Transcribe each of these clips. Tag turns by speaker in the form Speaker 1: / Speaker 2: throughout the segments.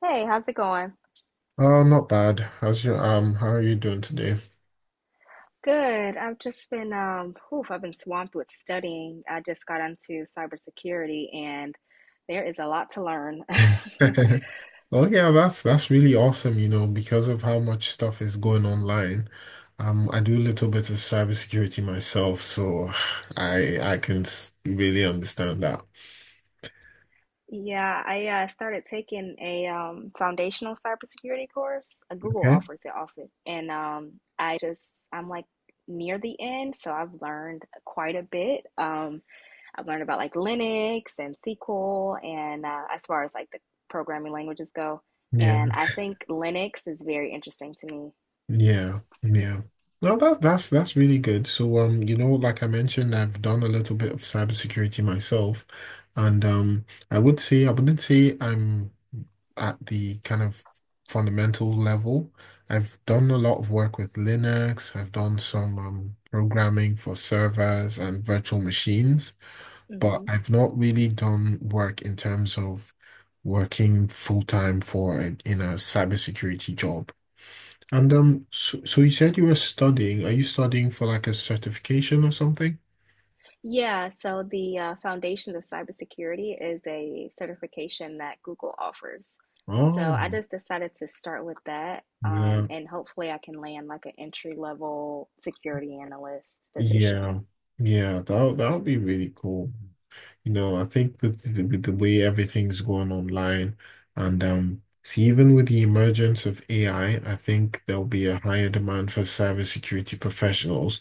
Speaker 1: Hey, how's it going?
Speaker 2: Oh, not bad. How's your how are you doing today?
Speaker 1: Good. I've just been whew, I've been swamped with studying. I just got into cybersecurity and there is a lot to learn.
Speaker 2: Oh yeah, that's really awesome, you know, because of how much stuff is going online. I do a little bit of cybersecurity myself, so I can really understand that.
Speaker 1: Yeah, I started taking a foundational cybersecurity course. Google
Speaker 2: Okay.
Speaker 1: offers it often. And I'm like near the end, so I've learned quite a bit. I've learned about like Linux and SQL and as far as like the programming languages go.
Speaker 2: Yeah.
Speaker 1: And I think Linux is very interesting to me.
Speaker 2: Yeah, yeah. No, that's really good. So, you know, like I mentioned, I've done a little bit of cybersecurity myself, and I would say I wouldn't say I'm at the kind of fundamental level. I've done a lot of work with Linux. I've done some programming for servers and virtual machines, but
Speaker 1: Hmm
Speaker 2: I've not really done work in terms of working full time for in a cybersecurity job. And so you said you were studying. Are you studying for like a certification or something?
Speaker 1: Yeah, so the Foundations of Cybersecurity is a certification that Google offers. So
Speaker 2: Oh,
Speaker 1: I just decided to start with that,
Speaker 2: yeah,
Speaker 1: and hopefully I can land like an entry level security analyst position.
Speaker 2: yeah, yeah. That that would be really cool. You know, I think with with the way everything's going online, and see, even with the emergence of AI, I think there'll be a higher demand for cybersecurity professionals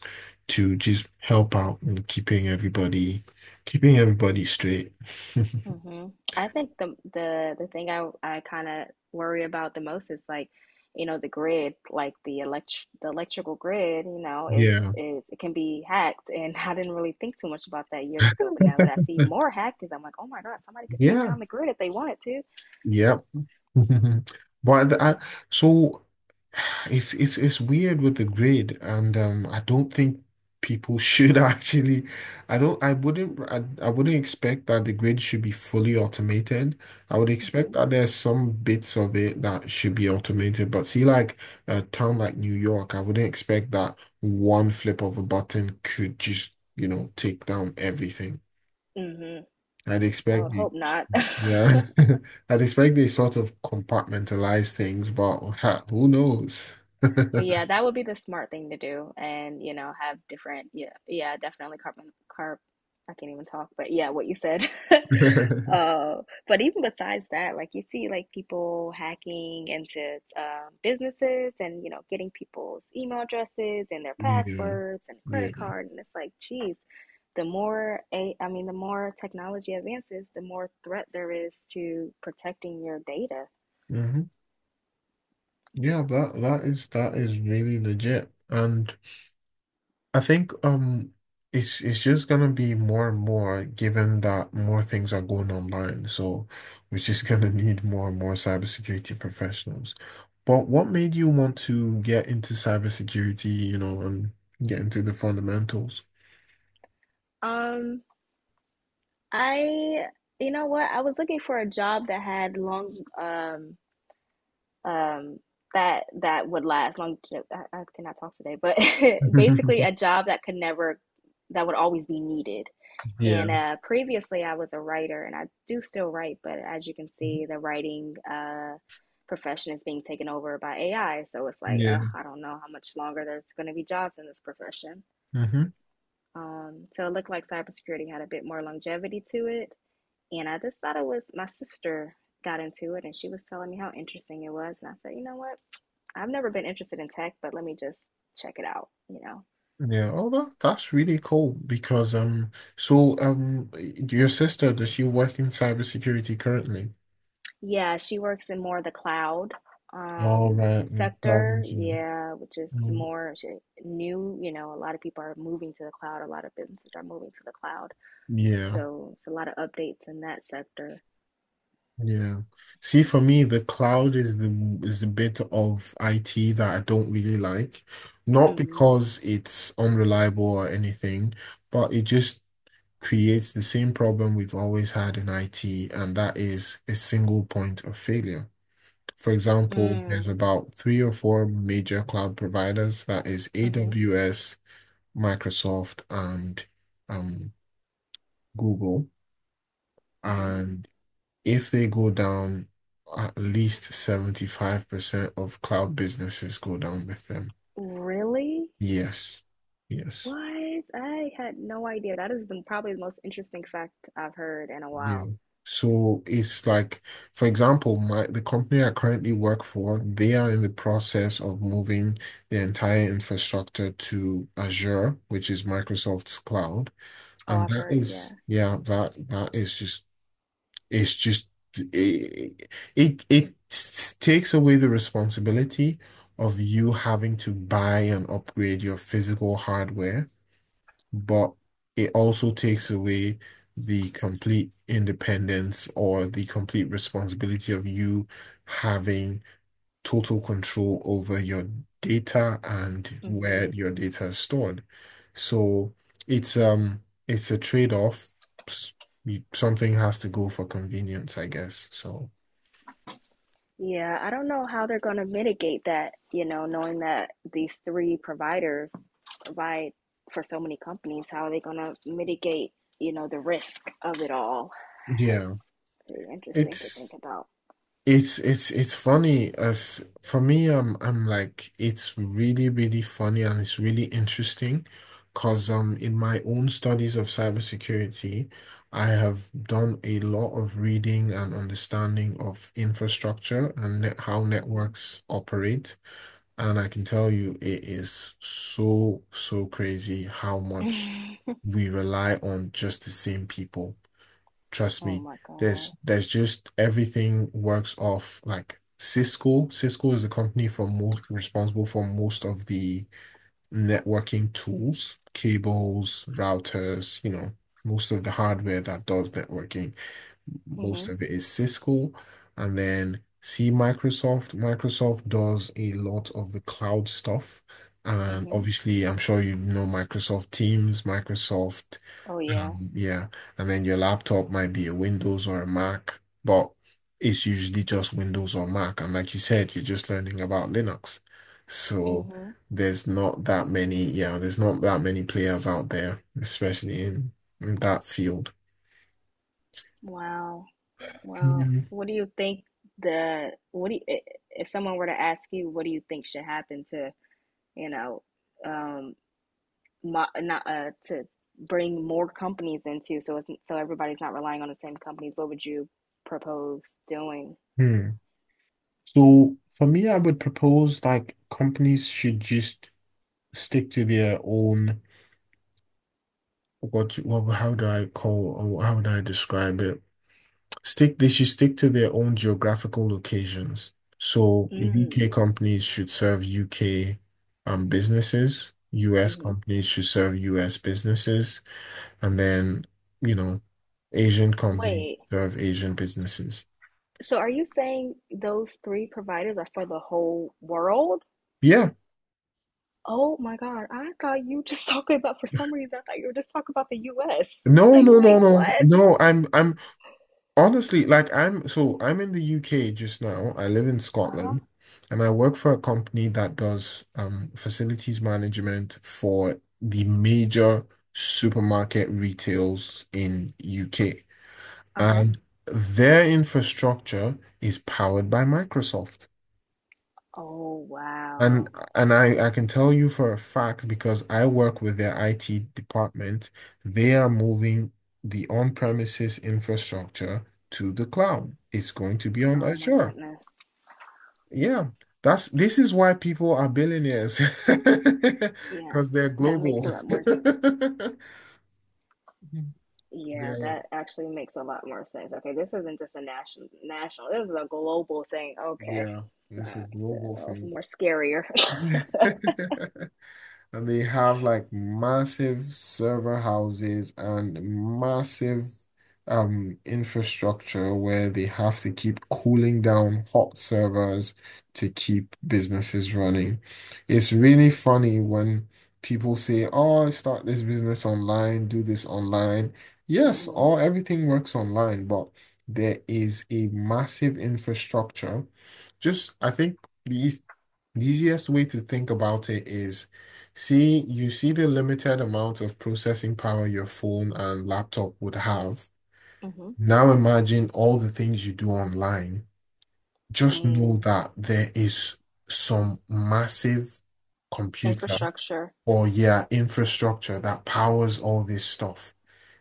Speaker 2: to just help out in keeping everybody straight.
Speaker 1: Hmm I think the thing I kind of worry about the most is like, you know, the grid, like the electrical grid, you know,
Speaker 2: Yeah.
Speaker 1: is it can be hacked, and I didn't really think too much about that years ago, but now that I see more hackers, I'm like, oh my God, somebody could take
Speaker 2: Yeah.
Speaker 1: down the grid if they wanted to.
Speaker 2: Yeah. Mhm. But
Speaker 1: So,
Speaker 2: the- I, so it's it's weird with the grade, and I don't think people should actually. I don't. I wouldn't. I wouldn't expect that the grade should be fully automated. I would expect
Speaker 1: hmm
Speaker 2: that there's some bits of it that should be automated. But see, like a town like New York, I wouldn't expect that one flip of a button could just, you know, take down everything.
Speaker 1: hmm
Speaker 2: I'd
Speaker 1: I
Speaker 2: expect
Speaker 1: would
Speaker 2: the
Speaker 1: hope not.
Speaker 2: yeah. I'd expect they sort of compartmentalize things, but ha, who knows?
Speaker 1: Yeah, that would be the smart thing to do, and you know, have different. Yeah, yeah, definitely carbon carb. I can't even talk, but yeah, what you said. uh, but even besides that, like you see, like people hacking into businesses, and you know, getting people's email addresses and their
Speaker 2: Yeah.
Speaker 1: passwords and credit
Speaker 2: Yeah.
Speaker 1: card, and it's like, geez, I mean, the more technology advances, the more threat there is to protecting your data.
Speaker 2: hmm Yeah, that that is really legit. And I think it's just gonna be more and more given that more things are going online. So we're just gonna need more and more cybersecurity professionals. But what made you want to get into cybersecurity, you know, and get into the fundamentals?
Speaker 1: Um, I, you know what? I was looking for a job that had long, um, that would last long. I cannot talk today, but basically a job that could never, that would always be needed.
Speaker 2: Yeah.
Speaker 1: And previously, I was a writer, and I do still write, but as you can see, the writing profession is being taken over by AI. So it's like, ugh,
Speaker 2: Yeah.
Speaker 1: I don't know how much longer there's going to be jobs in this profession.
Speaker 2: hmm
Speaker 1: So it looked like cybersecurity had a bit more longevity to it and I just thought it was my sister got into it and she was telling me how interesting it was. And I said, you know what? I've never been interested in tech, but let me just check it out, you know?
Speaker 2: Yeah. Oh, that's really cool because so um your sister, does she work in cybersecurity currently?
Speaker 1: Yeah, she works in more of the cloud
Speaker 2: All
Speaker 1: um,
Speaker 2: right. Cloud
Speaker 1: sector.
Speaker 2: engineering.
Speaker 1: Yeah, which is
Speaker 2: Mm,
Speaker 1: more new. You know, a lot of people are moving to the cloud, a lot of businesses are moving to the cloud.
Speaker 2: Yeah.
Speaker 1: So it's a lot of updates in that sector.
Speaker 2: Yeah. See, for me, the cloud is the bit of IT that I don't really like. Not
Speaker 1: Mm-hmm.
Speaker 2: because it's unreliable or anything, but it just creates the same problem we've always had in IT, and that is a single point of failure. For example,
Speaker 1: Mm-hmm.
Speaker 2: there's about three or four major cloud providers, that is
Speaker 1: Mm-hmm.
Speaker 2: AWS, Microsoft, and um, Google.
Speaker 1: Mm-hmm.
Speaker 2: And if they go down, at least 75% of cloud businesses go down with them.
Speaker 1: Really?
Speaker 2: Yes. Yes.
Speaker 1: What? I had no idea. That is the, probably the most interesting fact I've heard in a
Speaker 2: Yeah.
Speaker 1: while.
Speaker 2: So it's like, for example, my the company I currently work for, they are in the process of moving the entire infrastructure to Azure, which is Microsoft's cloud.
Speaker 1: Oh,
Speaker 2: And
Speaker 1: I've
Speaker 2: that
Speaker 1: heard, yeah.
Speaker 2: is, yeah, that is just it's just it it takes away the responsibility of you having to buy and upgrade your physical hardware, but it also takes away the complete independence or the complete responsibility of you having total control over your data and where
Speaker 1: hmm
Speaker 2: your data is stored. So it's a trade-off. S- Something has to go for convenience, I guess. So
Speaker 1: Yeah, I don't know how they're going to mitigate that, you know, knowing that these three providers provide for so many companies. How are they going to mitigate, you know, the risk of it all?
Speaker 2: yeah,
Speaker 1: That's pretty interesting to
Speaker 2: it's
Speaker 1: think about.
Speaker 2: it's it's funny as for me, I'm like it's really really funny and it's really interesting, cause in my own studies of cybersecurity, I have done a lot of reading and understanding of infrastructure and how networks operate, and I can tell you it is so so crazy how much
Speaker 1: Hmm
Speaker 2: we rely on just the same people. Trust
Speaker 1: Oh
Speaker 2: me,
Speaker 1: my God.
Speaker 2: there's just everything works off like Cisco. Cisco is the company for most responsible for most of the networking tools, cables, routers, you know, most of the hardware that does networking, most
Speaker 1: Hmm
Speaker 2: of it is Cisco. And then see Microsoft. Microsoft does a lot of the cloud stuff. And
Speaker 1: hmm
Speaker 2: obviously, I'm sure you know Microsoft Teams, Microsoft,
Speaker 1: Oh yeah.
Speaker 2: yeah. And then your laptop might be a Windows or a Mac, but it's usually just Windows or Mac. And like you said, you're just learning about Linux. So
Speaker 1: Mm-hmm.
Speaker 2: there's not that many, yeah, there's not that many players out there, especially in that field.
Speaker 1: Wow. Well,
Speaker 2: Yeah.
Speaker 1: what do you think the what do you, I- if someone were to ask you what do you think should happen to, you know, um mo not to bring more companies into so it's, so everybody's not relying on the same companies, what would you propose doing?
Speaker 2: Hmm. So for me, I would propose like companies should just stick to their own, what how do I call or how would I describe it? Stick They should stick to their own geographical locations. So
Speaker 1: Mm,
Speaker 2: UK companies should serve UK businesses, US
Speaker 1: mm-hmm.
Speaker 2: companies should serve US businesses, and then you know, Asian companies
Speaker 1: Wait.
Speaker 2: serve Asian businesses.
Speaker 1: So are you saying those three providers are for the whole world?
Speaker 2: Yeah.
Speaker 1: Oh my God, I thought you just talking about for some reason I thought you were just talking about the US.
Speaker 2: No,
Speaker 1: Like,
Speaker 2: no, no,
Speaker 1: wait,
Speaker 2: no,
Speaker 1: what?
Speaker 2: no. I'm Honestly, like I'm so I'm in the UK just now. I live in Scotland and I work for a company that does facilities management for the major supermarket retails in UK.
Speaker 1: Uh-huh.
Speaker 2: And their infrastructure is powered by Microsoft.
Speaker 1: Oh,
Speaker 2: And
Speaker 1: wow.
Speaker 2: and I can tell you for a fact because I work with their IT department, they are moving the on-premises infrastructure to the
Speaker 1: Mhm.
Speaker 2: cloud. It's going to be on
Speaker 1: Oh my
Speaker 2: Azure.
Speaker 1: goodness.
Speaker 2: Yeah. That's This is why people are billionaires
Speaker 1: Yeah,
Speaker 2: because they're
Speaker 1: that makes
Speaker 2: global.
Speaker 1: a lot more sense. Yeah,
Speaker 2: They're,
Speaker 1: that actually makes a lot more sense. Okay, this isn't just a national. This is a global thing. Okay.
Speaker 2: yeah,
Speaker 1: That
Speaker 2: it's a
Speaker 1: makes it
Speaker 2: global
Speaker 1: a little
Speaker 2: thing.
Speaker 1: more scarier.
Speaker 2: And they have like massive server houses and massive infrastructure where they have to keep cooling down hot servers to keep businesses running. It's really funny when people say, "Oh, start this business online, do this online." Yes,
Speaker 1: Mm-hmm.
Speaker 2: all everything works online, but there is a massive infrastructure. Just I think the eas- the easiest way to think about it is, see, you see the limited amount of processing power your phone and laptop would have.
Speaker 1: Mm-hmm.
Speaker 2: Now imagine all the things you do online. Just know
Speaker 1: Mm.
Speaker 2: that there is some massive computer
Speaker 1: Infrastructure.
Speaker 2: or yeah, infrastructure that powers all this stuff.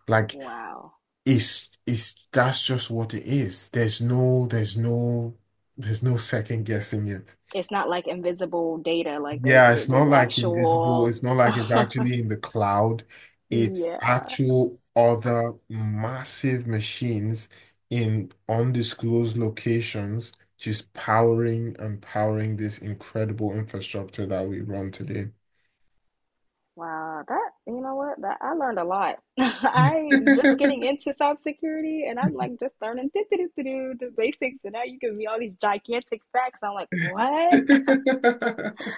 Speaker 2: Like
Speaker 1: Wow.
Speaker 2: it's that's just what it is. There's no there's no second guessing it.
Speaker 1: It's not like invisible data, like there's
Speaker 2: Yeah, it's not
Speaker 1: there's
Speaker 2: like invisible.
Speaker 1: actual
Speaker 2: It's not like it's actually in the cloud. It's
Speaker 1: Yeah.
Speaker 2: actual other massive machines in undisclosed locations just powering and powering this incredible infrastructure that we run today.
Speaker 1: Wow, that you know what? That I learned a lot. I just getting into cybersecurity and I'm like just learning do, do, do, do, the basics and now you give me all these gigantic facts. I'm like, what?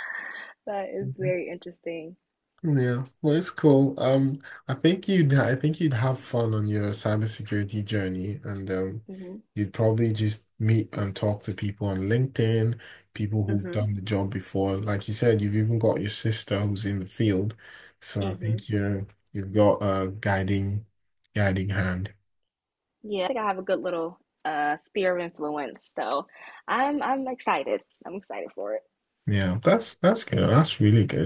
Speaker 1: That is very interesting.
Speaker 2: Yeah, well, it's cool. I think you'd have fun on your cybersecurity journey, and
Speaker 1: Hmm
Speaker 2: you'd probably just meet and talk to people on LinkedIn, people who've
Speaker 1: hmm
Speaker 2: done the job before. Like you said, you've even got your sister who's in the field, so I
Speaker 1: hmm
Speaker 2: think you're you've got a guiding hand.
Speaker 1: Yeah, I think I have a good little sphere of influence. So I'm excited. I'm excited for it.
Speaker 2: Yeah, that's good. That's really good.